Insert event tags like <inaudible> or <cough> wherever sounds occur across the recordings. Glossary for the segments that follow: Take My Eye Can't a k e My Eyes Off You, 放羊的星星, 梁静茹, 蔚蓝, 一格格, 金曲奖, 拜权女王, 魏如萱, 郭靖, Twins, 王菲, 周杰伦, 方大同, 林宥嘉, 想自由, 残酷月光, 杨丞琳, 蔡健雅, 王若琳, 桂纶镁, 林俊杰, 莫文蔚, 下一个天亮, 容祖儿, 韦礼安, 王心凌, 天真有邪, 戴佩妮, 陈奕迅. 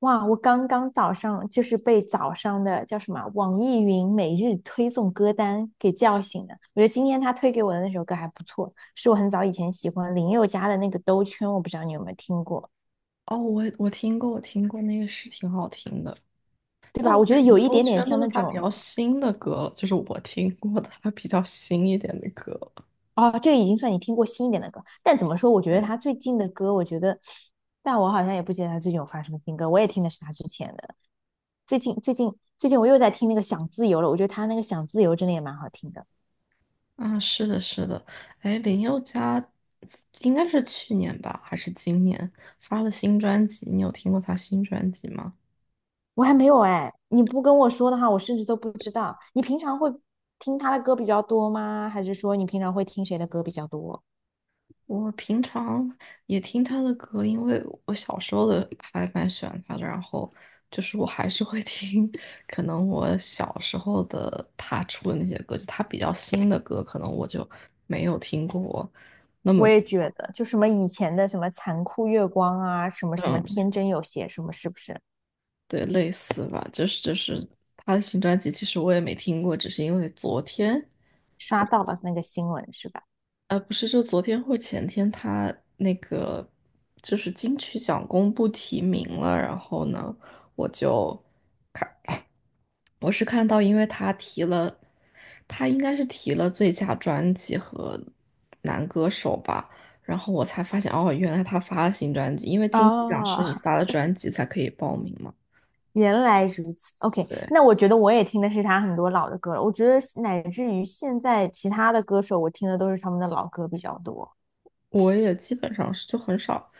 哇，我刚刚早上就是被早上的叫什么啊网易云每日推送歌单给叫醒的。我觉得今天他推给我的那首歌还不错，是我很早以前喜欢林宥嘉的那个《兜圈》，我不知道你有没有听过，哦，我听过，我听过那个是挺好听的。对但吧？我我觉感得觉有一都点点全都像是那他比种。较新的歌了，就是我听过的他比较新一点的歌了。哦，这个已经算你听过新一点的歌。但怎么说，我觉得对。他最近的歌，我觉得，但我好像也不记得他最近有发什么新歌，我也听的是他之前的。最近我又在听那个《想自由》了，我觉得他那个《想自由》真的也蛮好听的。啊，是的，是的。哎，林宥嘉应该是去年吧，还是今年发了新专辑？你有听过他新专辑吗？我还没有哎，你不跟我说的话，我甚至都不知道。你平常会听他的歌比较多吗？还是说你平常会听谁的歌比较多？我平常也听他的歌，因为我小时候的还蛮喜欢他的，然后就是我还是会 <laughs> 听，可能我小时候的他出的那些歌，就他比较新的歌，可能我就没有听过那么 我也觉 <laughs>，得，就什么以前的什么残酷月光啊，什么什么嗯，天真有邪，什么是不是对，类似吧，就是他的新专辑，其实我也没听过，只是因为昨天。刷到了那个新闻是吧？不是，就昨天或前天，他那个就是金曲奖公布提名了，然后呢，我就看，我是看到，因为他提了，他应该是提了最佳专辑和男歌手吧。然后我才发现，哦，原来他发了新专辑，因为金曲奖是哦，你发 <laughs> 了专辑才可以报名嘛。原来如此，OK，对。那我觉得我也听的是他很多老的歌了。我觉得乃至于现在其他的歌手，我听的都是他们的老歌比较多。我也基本上是就很少，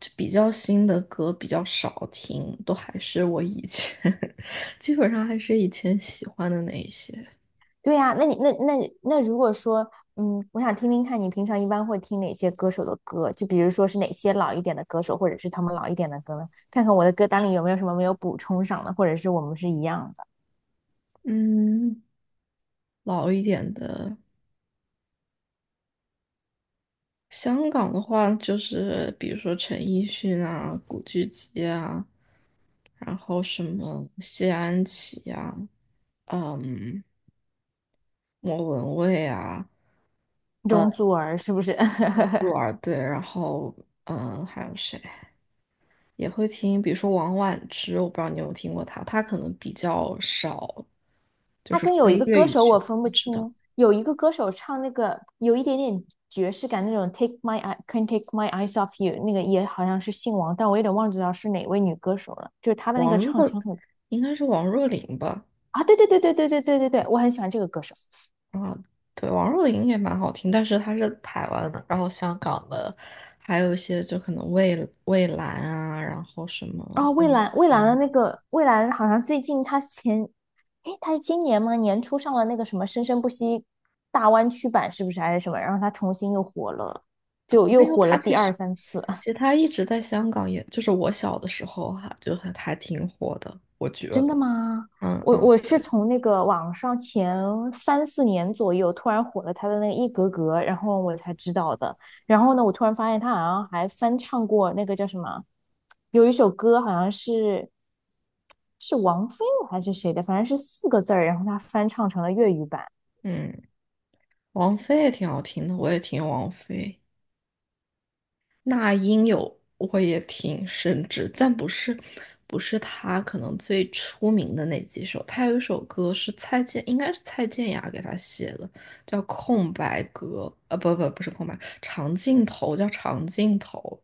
就比较新的歌比较少听，都还是我以前，<laughs> 基本上还是以前喜欢的那一些。对呀，那你那那那如果说，我想听听看你平常一般会听哪些歌手的歌，就比如说是哪些老一点的歌手，或者是他们老一点的歌呢？看看我的歌单里有没有什么没有补充上的，或者是我们是一样的。嗯，老一点的香港的话，就是比如说陈奕迅啊、古巨基啊，然后什么谢安琪啊，嗯，莫文蔚啊。嗯，容祖儿是不是？<laughs> 鹿儿对。然后还有谁？也会听，比如说王菀之，我不知道你有没有听过她，她可能比较少，就她是跟有非一个粤歌语手区我的分不不知道。清，有一个歌手唱那个有一点点爵士感那种《Take My Eye Can't a k e My Eyes Off You》，那个也好像是姓王，但我有点忘记了是哪位女歌手了。就是她的那王个唱若腔很应该是王若琳吧？啊，对对对对对对对对对，我很喜欢这个歌手。啊，对，王若琳也蛮好听，但是她是台湾的。然后香港的，还有一些就可能蔚蓝啊，然后什么哦，的。蔚蓝，蔚蓝的那个蔚蓝，好像最近他前，诶，他是今年吗？年初上了那个什么《生生不息》大湾区版，是不是还是什么？然后他重新又火了，就又没有，火她了其第实二三次。其实她一直在香港也，就是我小的时候哈、就还挺火的，我觉真的得。吗？嗯我嗯。我是对。从那个网上前三四年左右突然火了他的那个一格格，然后我才知道的。然后呢，我突然发现他好像还翻唱过那个叫什么，有一首歌好像是是王菲的还是谁的，反正是四个字儿，然后他翻唱成了粤语版。嗯。王菲也挺好听的，我也听王菲。那英有我也挺甚至，但不是她可能最出名的那几首。她有一首歌是蔡健，应该是蔡健雅给她写的，叫《空白格》。呃，不是空白，长镜头叫长镜头。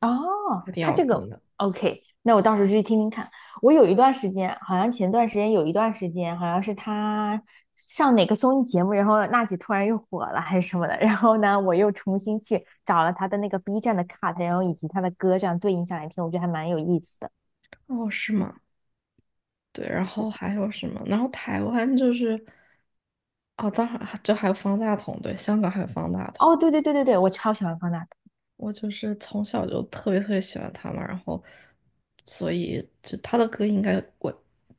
哦，还挺他好这听个 的。OK，那我到时候去听听看。我有一段时间，好像前段时间有一段时间，好像是他上哪个综艺节目，然后娜姐突然又火了还是什么的，然后呢，我又重新去找了他的那个 B 站的 cut，然后以及他的歌这样对应下来听，我觉得还蛮有意思的。哦，是吗？对，然后还有什么？然后台湾就是，哦，当然就还有方大同。对，香港还有方大同。哦，对对对对对，我超喜欢方大同。我就是从小就特别特别喜欢他嘛，然后所以就他的歌应该我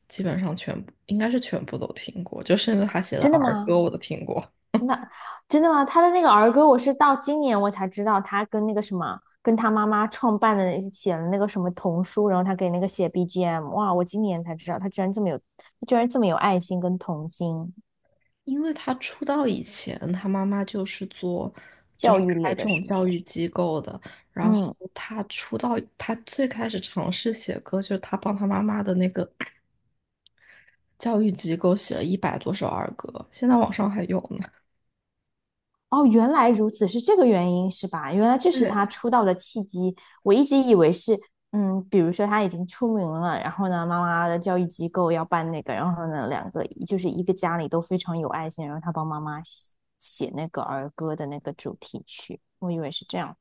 基本上全部应该是全部都听过，就甚至他写的真的儿吗？歌我都听过。那真的吗？他的那个儿歌，我是到今年我才知道，他跟那个什么，跟他妈妈创办的写了那个什么童书，然后他给那个写 BGM。哇，我今年才知道，他居然这么有，他居然这么有爱心跟童心因为他出道以前，他妈妈就是教育开类这的，种是不教是？育机构的。然后嗯。他出道，他最开始尝试写歌，就是他帮他妈妈的那个教育机构写了100多首儿歌，现在网上还有呢。<laughs> 哦，原来如此，是这个原因是吧？原来这是他对，出道的契机。我一直以为是，嗯，比如说他已经出名了，然后呢，妈妈的教育机构要办那个，然后呢，两个就是一个家里都非常有爱心，然后他帮妈妈写那个儿歌的那个主题曲，我以为是这样。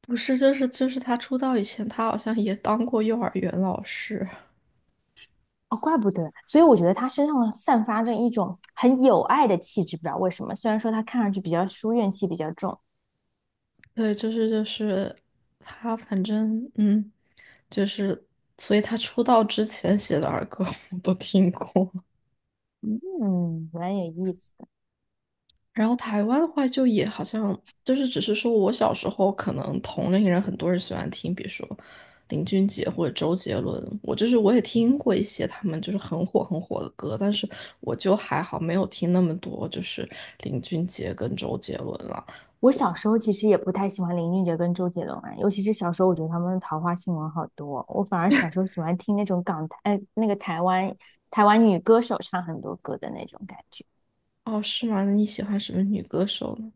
不是，就是他出道以前，他好像也当过幼儿园老师。哦，怪不得。所以我觉得他身上散发着一种很有爱的气质，不知道为什么。虽然说他看上去比较书怨气比较重，<laughs> 对，就是他，反正就是所以他出道之前写的儿歌 <laughs> 我都听过。嗯，蛮有意思。然后台湾的话，就也好像就是只是说我小时候可能同龄人很多人喜欢听，比如说林俊杰或者周杰伦。我就是我也听过一些他们就是很火很火的歌，但是我就还好没有听那么多，就是林俊杰跟周杰伦了。我小时候其实也不太喜欢林俊杰跟周杰伦啊，尤其是小时候，我觉得他们的桃花新闻好多。我反而小时候喜欢听那种港台，那个台湾女歌手唱很多歌的那种感觉。哦，是吗？那你喜欢什么女歌手呢？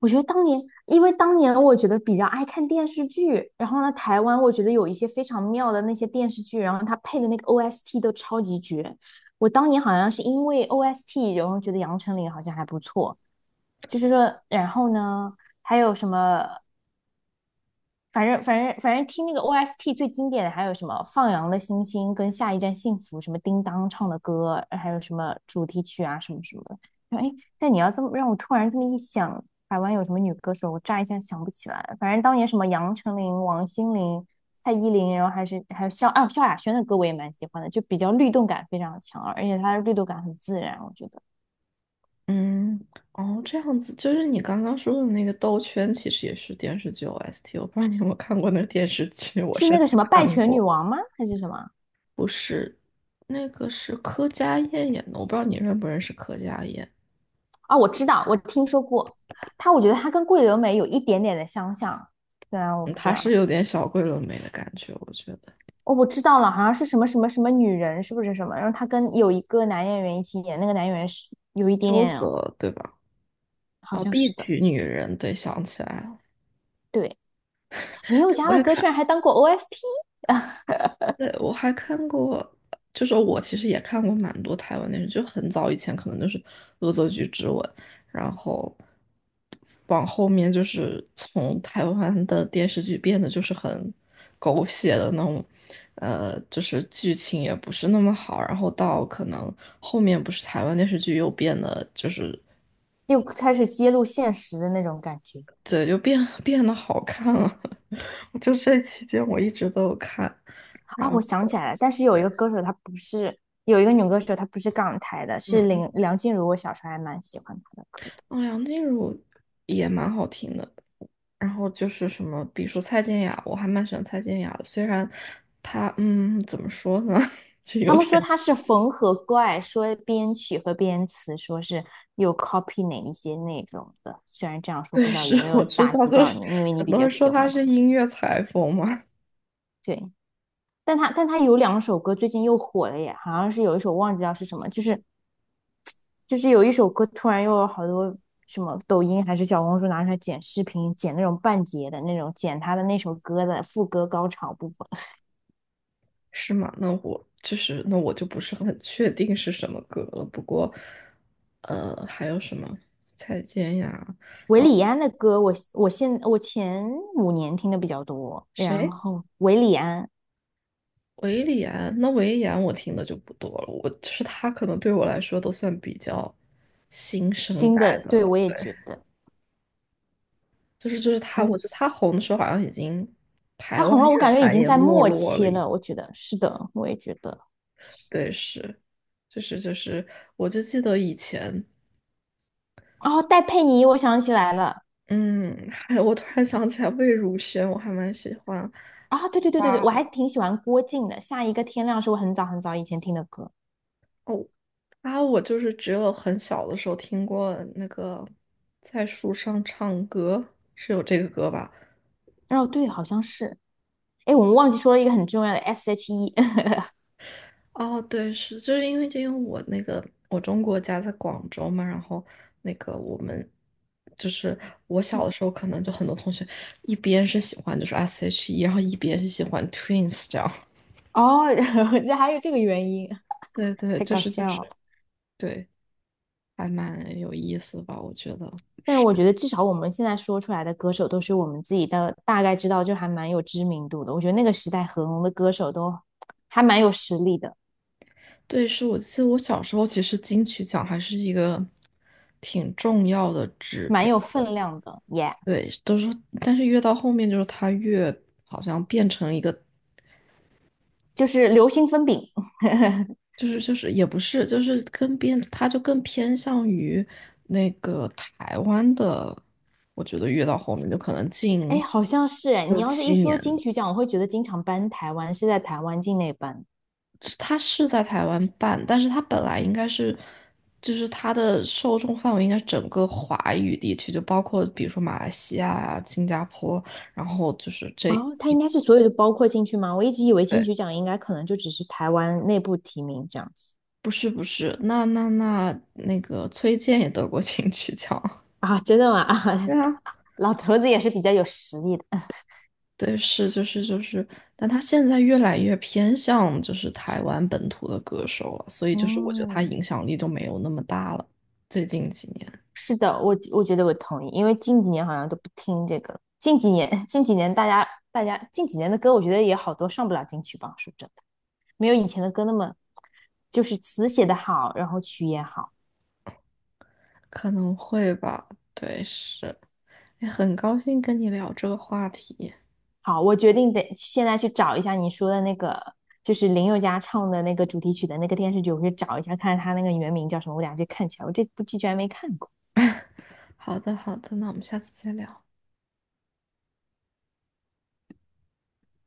我觉得当年，因为当年我觉得比较爱看电视剧，然后呢，台湾我觉得有一些非常妙的那些电视剧，然后它配的那个 OST 都超级绝。我当年好像是因为 OST，然后觉得杨丞琳好像还不错，就是说，然后呢，还有什么？反正听那个 OST 最经典的还有什么《放羊的星星》跟《下一站幸福》，什么叮当唱的歌，还有什么主题曲啊什么什么的。哎，但你要这么让我突然这么一想，台湾有什么女歌手，我乍一下想不起来。反正当年什么杨丞琳、王心凌、蔡依林，然后还是还有萧啊萧亚轩的歌，我也蛮喜欢的，就比较律动感非常强，而且她的律动感很自然，我觉得嗯。哦，这样子，就是你刚刚说的那个《兜圈》，其实也是电视剧 OST。我不知道你有没有看过那个电视剧，我是甚那至个什么《拜看权女过。王》吗？还是什么？不是，那个是柯佳燕演的，我不知道你认不认识柯佳燕。啊，我知道，我听说过它，我觉得它跟桂纶镁有一点点的相像。对啊，我嗯，不知她是道，有点小桂纶镁的感觉，我觉得。哦，我知道了，好像是什么什么什么女人，是不是什么？然后她跟有一个男演员一起演，那个男演员是有一点邱点，泽，对吧？好哦，像《碧是的。曲女人》，对，想起来了。对，林宥嘉我也的歌看，居然还当过 OST，对，我还看过，就是我其实也看过蛮多台湾电视剧，就很早以前可能就是《恶作剧之吻》，然后往后面就是从台湾的电视剧变得就是很狗血的那种，呃，就是剧情也不是那么好。然后到可能后面不是台湾电视剧又变得就是又开始揭露现实的那种感觉对，就变得好看了，<laughs> 就这期间我一直都有看，然啊！我想起后。来了，但是有一对。个歌手，她不是有一个女歌手，她不是港台的，是嗯。林梁静茹，我小时候还蛮喜欢她的歌。的。哦，梁静茹也蛮好听的。然后就是什么，比如说蔡健雅，我还蛮喜欢蔡健雅的。虽然她，怎么说呢，<laughs> 就他有们点 说他是缝合怪，说编曲和编词，说是又 copy 哪一些内容的。虽然这样 <laughs> 说，不对，知道是有没有我知打道，击就到是你，因为你很比多较人说喜她欢他。是音乐裁缝嘛。对，但他有两首歌最近又火了耶，好像是有一首忘记掉是什么，就是有一首歌突然又有好多什么抖音还是小红书拿出来剪视频，剪那种半截的那种，剪他的那首歌的副歌高潮部分。是吗？那我就是那我就不是很确定是什么歌了。不过，还有什么蔡健雅，韦然后礼安的歌我，我前5年听的比较多，然谁？后韦礼安维里安，那维里安我听的就不多了，我就是他可能对我来说都算比较新生新代的，的对，了。我也对，觉得，就是还他，我有觉得他红的时候好像已经台他湾红了，我乐感觉已坛经也在没末落了期一，了，我觉得是的，我也觉得。对，是，就是，我就记得以前，哦，戴佩妮，我想起来了，嗯，还我突然想起来魏如萱，我还蛮喜欢。啊、对对对对对，哇我还挺喜欢郭靖的，《下一个天亮》是我很早很早以前听的歌，哦。啊，我就是只有很小的时候听过那个在树上唱歌，是有这个歌吧？哦，对，好像是，哎，我们忘记说了一个很重要的 S.H.E，<laughs> 哦，对，是，就是因为我那个我中国家在广州嘛，然后那个我们就是我小的时候，可能就很多同学一边是喜欢就是 S.H.E,然后一边是喜欢 Twins 这样。<laughs> 哦，然后这还有这个原因，对对，太就搞是就笑了。是对，还蛮有意思吧，我觉得。但是我觉得至少我们现在说出来的歌手都是我们自己的大概知道，就还蛮有知名度的。我觉得那个时代很红的歌手都还蛮有实力的。对，是我记得我小时候其实金曲奖还是一个挺重要的指蛮标。有分量的耶对，都是。但是越到后面就是它越好像变成一个就是流星分饼。<laughs> 就是也不是，就是更偏，他就更偏向于那个台湾的。我觉得越到后面就可能哎，近好像是哎，你六要是七一说年金了，曲奖，我会觉得经常颁台湾是在台湾境内颁。它是在台湾办，但是他本来应该是，就是他的受众范围应该是整个华语地区，就包括比如说马来西亚啊、新加坡，然后就是这，哦，它应该是所有的包括进去吗？我一直以为金对，曲奖应该可能就只是台湾内部提名这样子不是，那个崔健也得过 <laughs> 金曲奖。啊，真的吗？<laughs> <laughs> 啊，对啊。老头子也是比较有实力的。对，是就是，但他现在越来越偏向就是台湾本土的歌手了，所以就是我觉得他嗯，影响力就没有那么大了。最近几年是的，我觉得我同意，因为近几年好像都不听这个了近几年 <laughs> 近几年大家近几年的歌，我觉得也好多上不了金曲榜，是真的。没有以前的歌那么，就是词写的好，然后曲也好。可能会吧，对，是，哎，很高兴跟你聊这个话题。好，我决定得现在去找一下你说的那个，就是林宥嘉唱的那个主题曲的那个电视剧，我去找一下，看看他那个原名叫什么，我俩就看起来。我这部剧居然没看过。<laughs> 好的，好的，那我们下次再聊。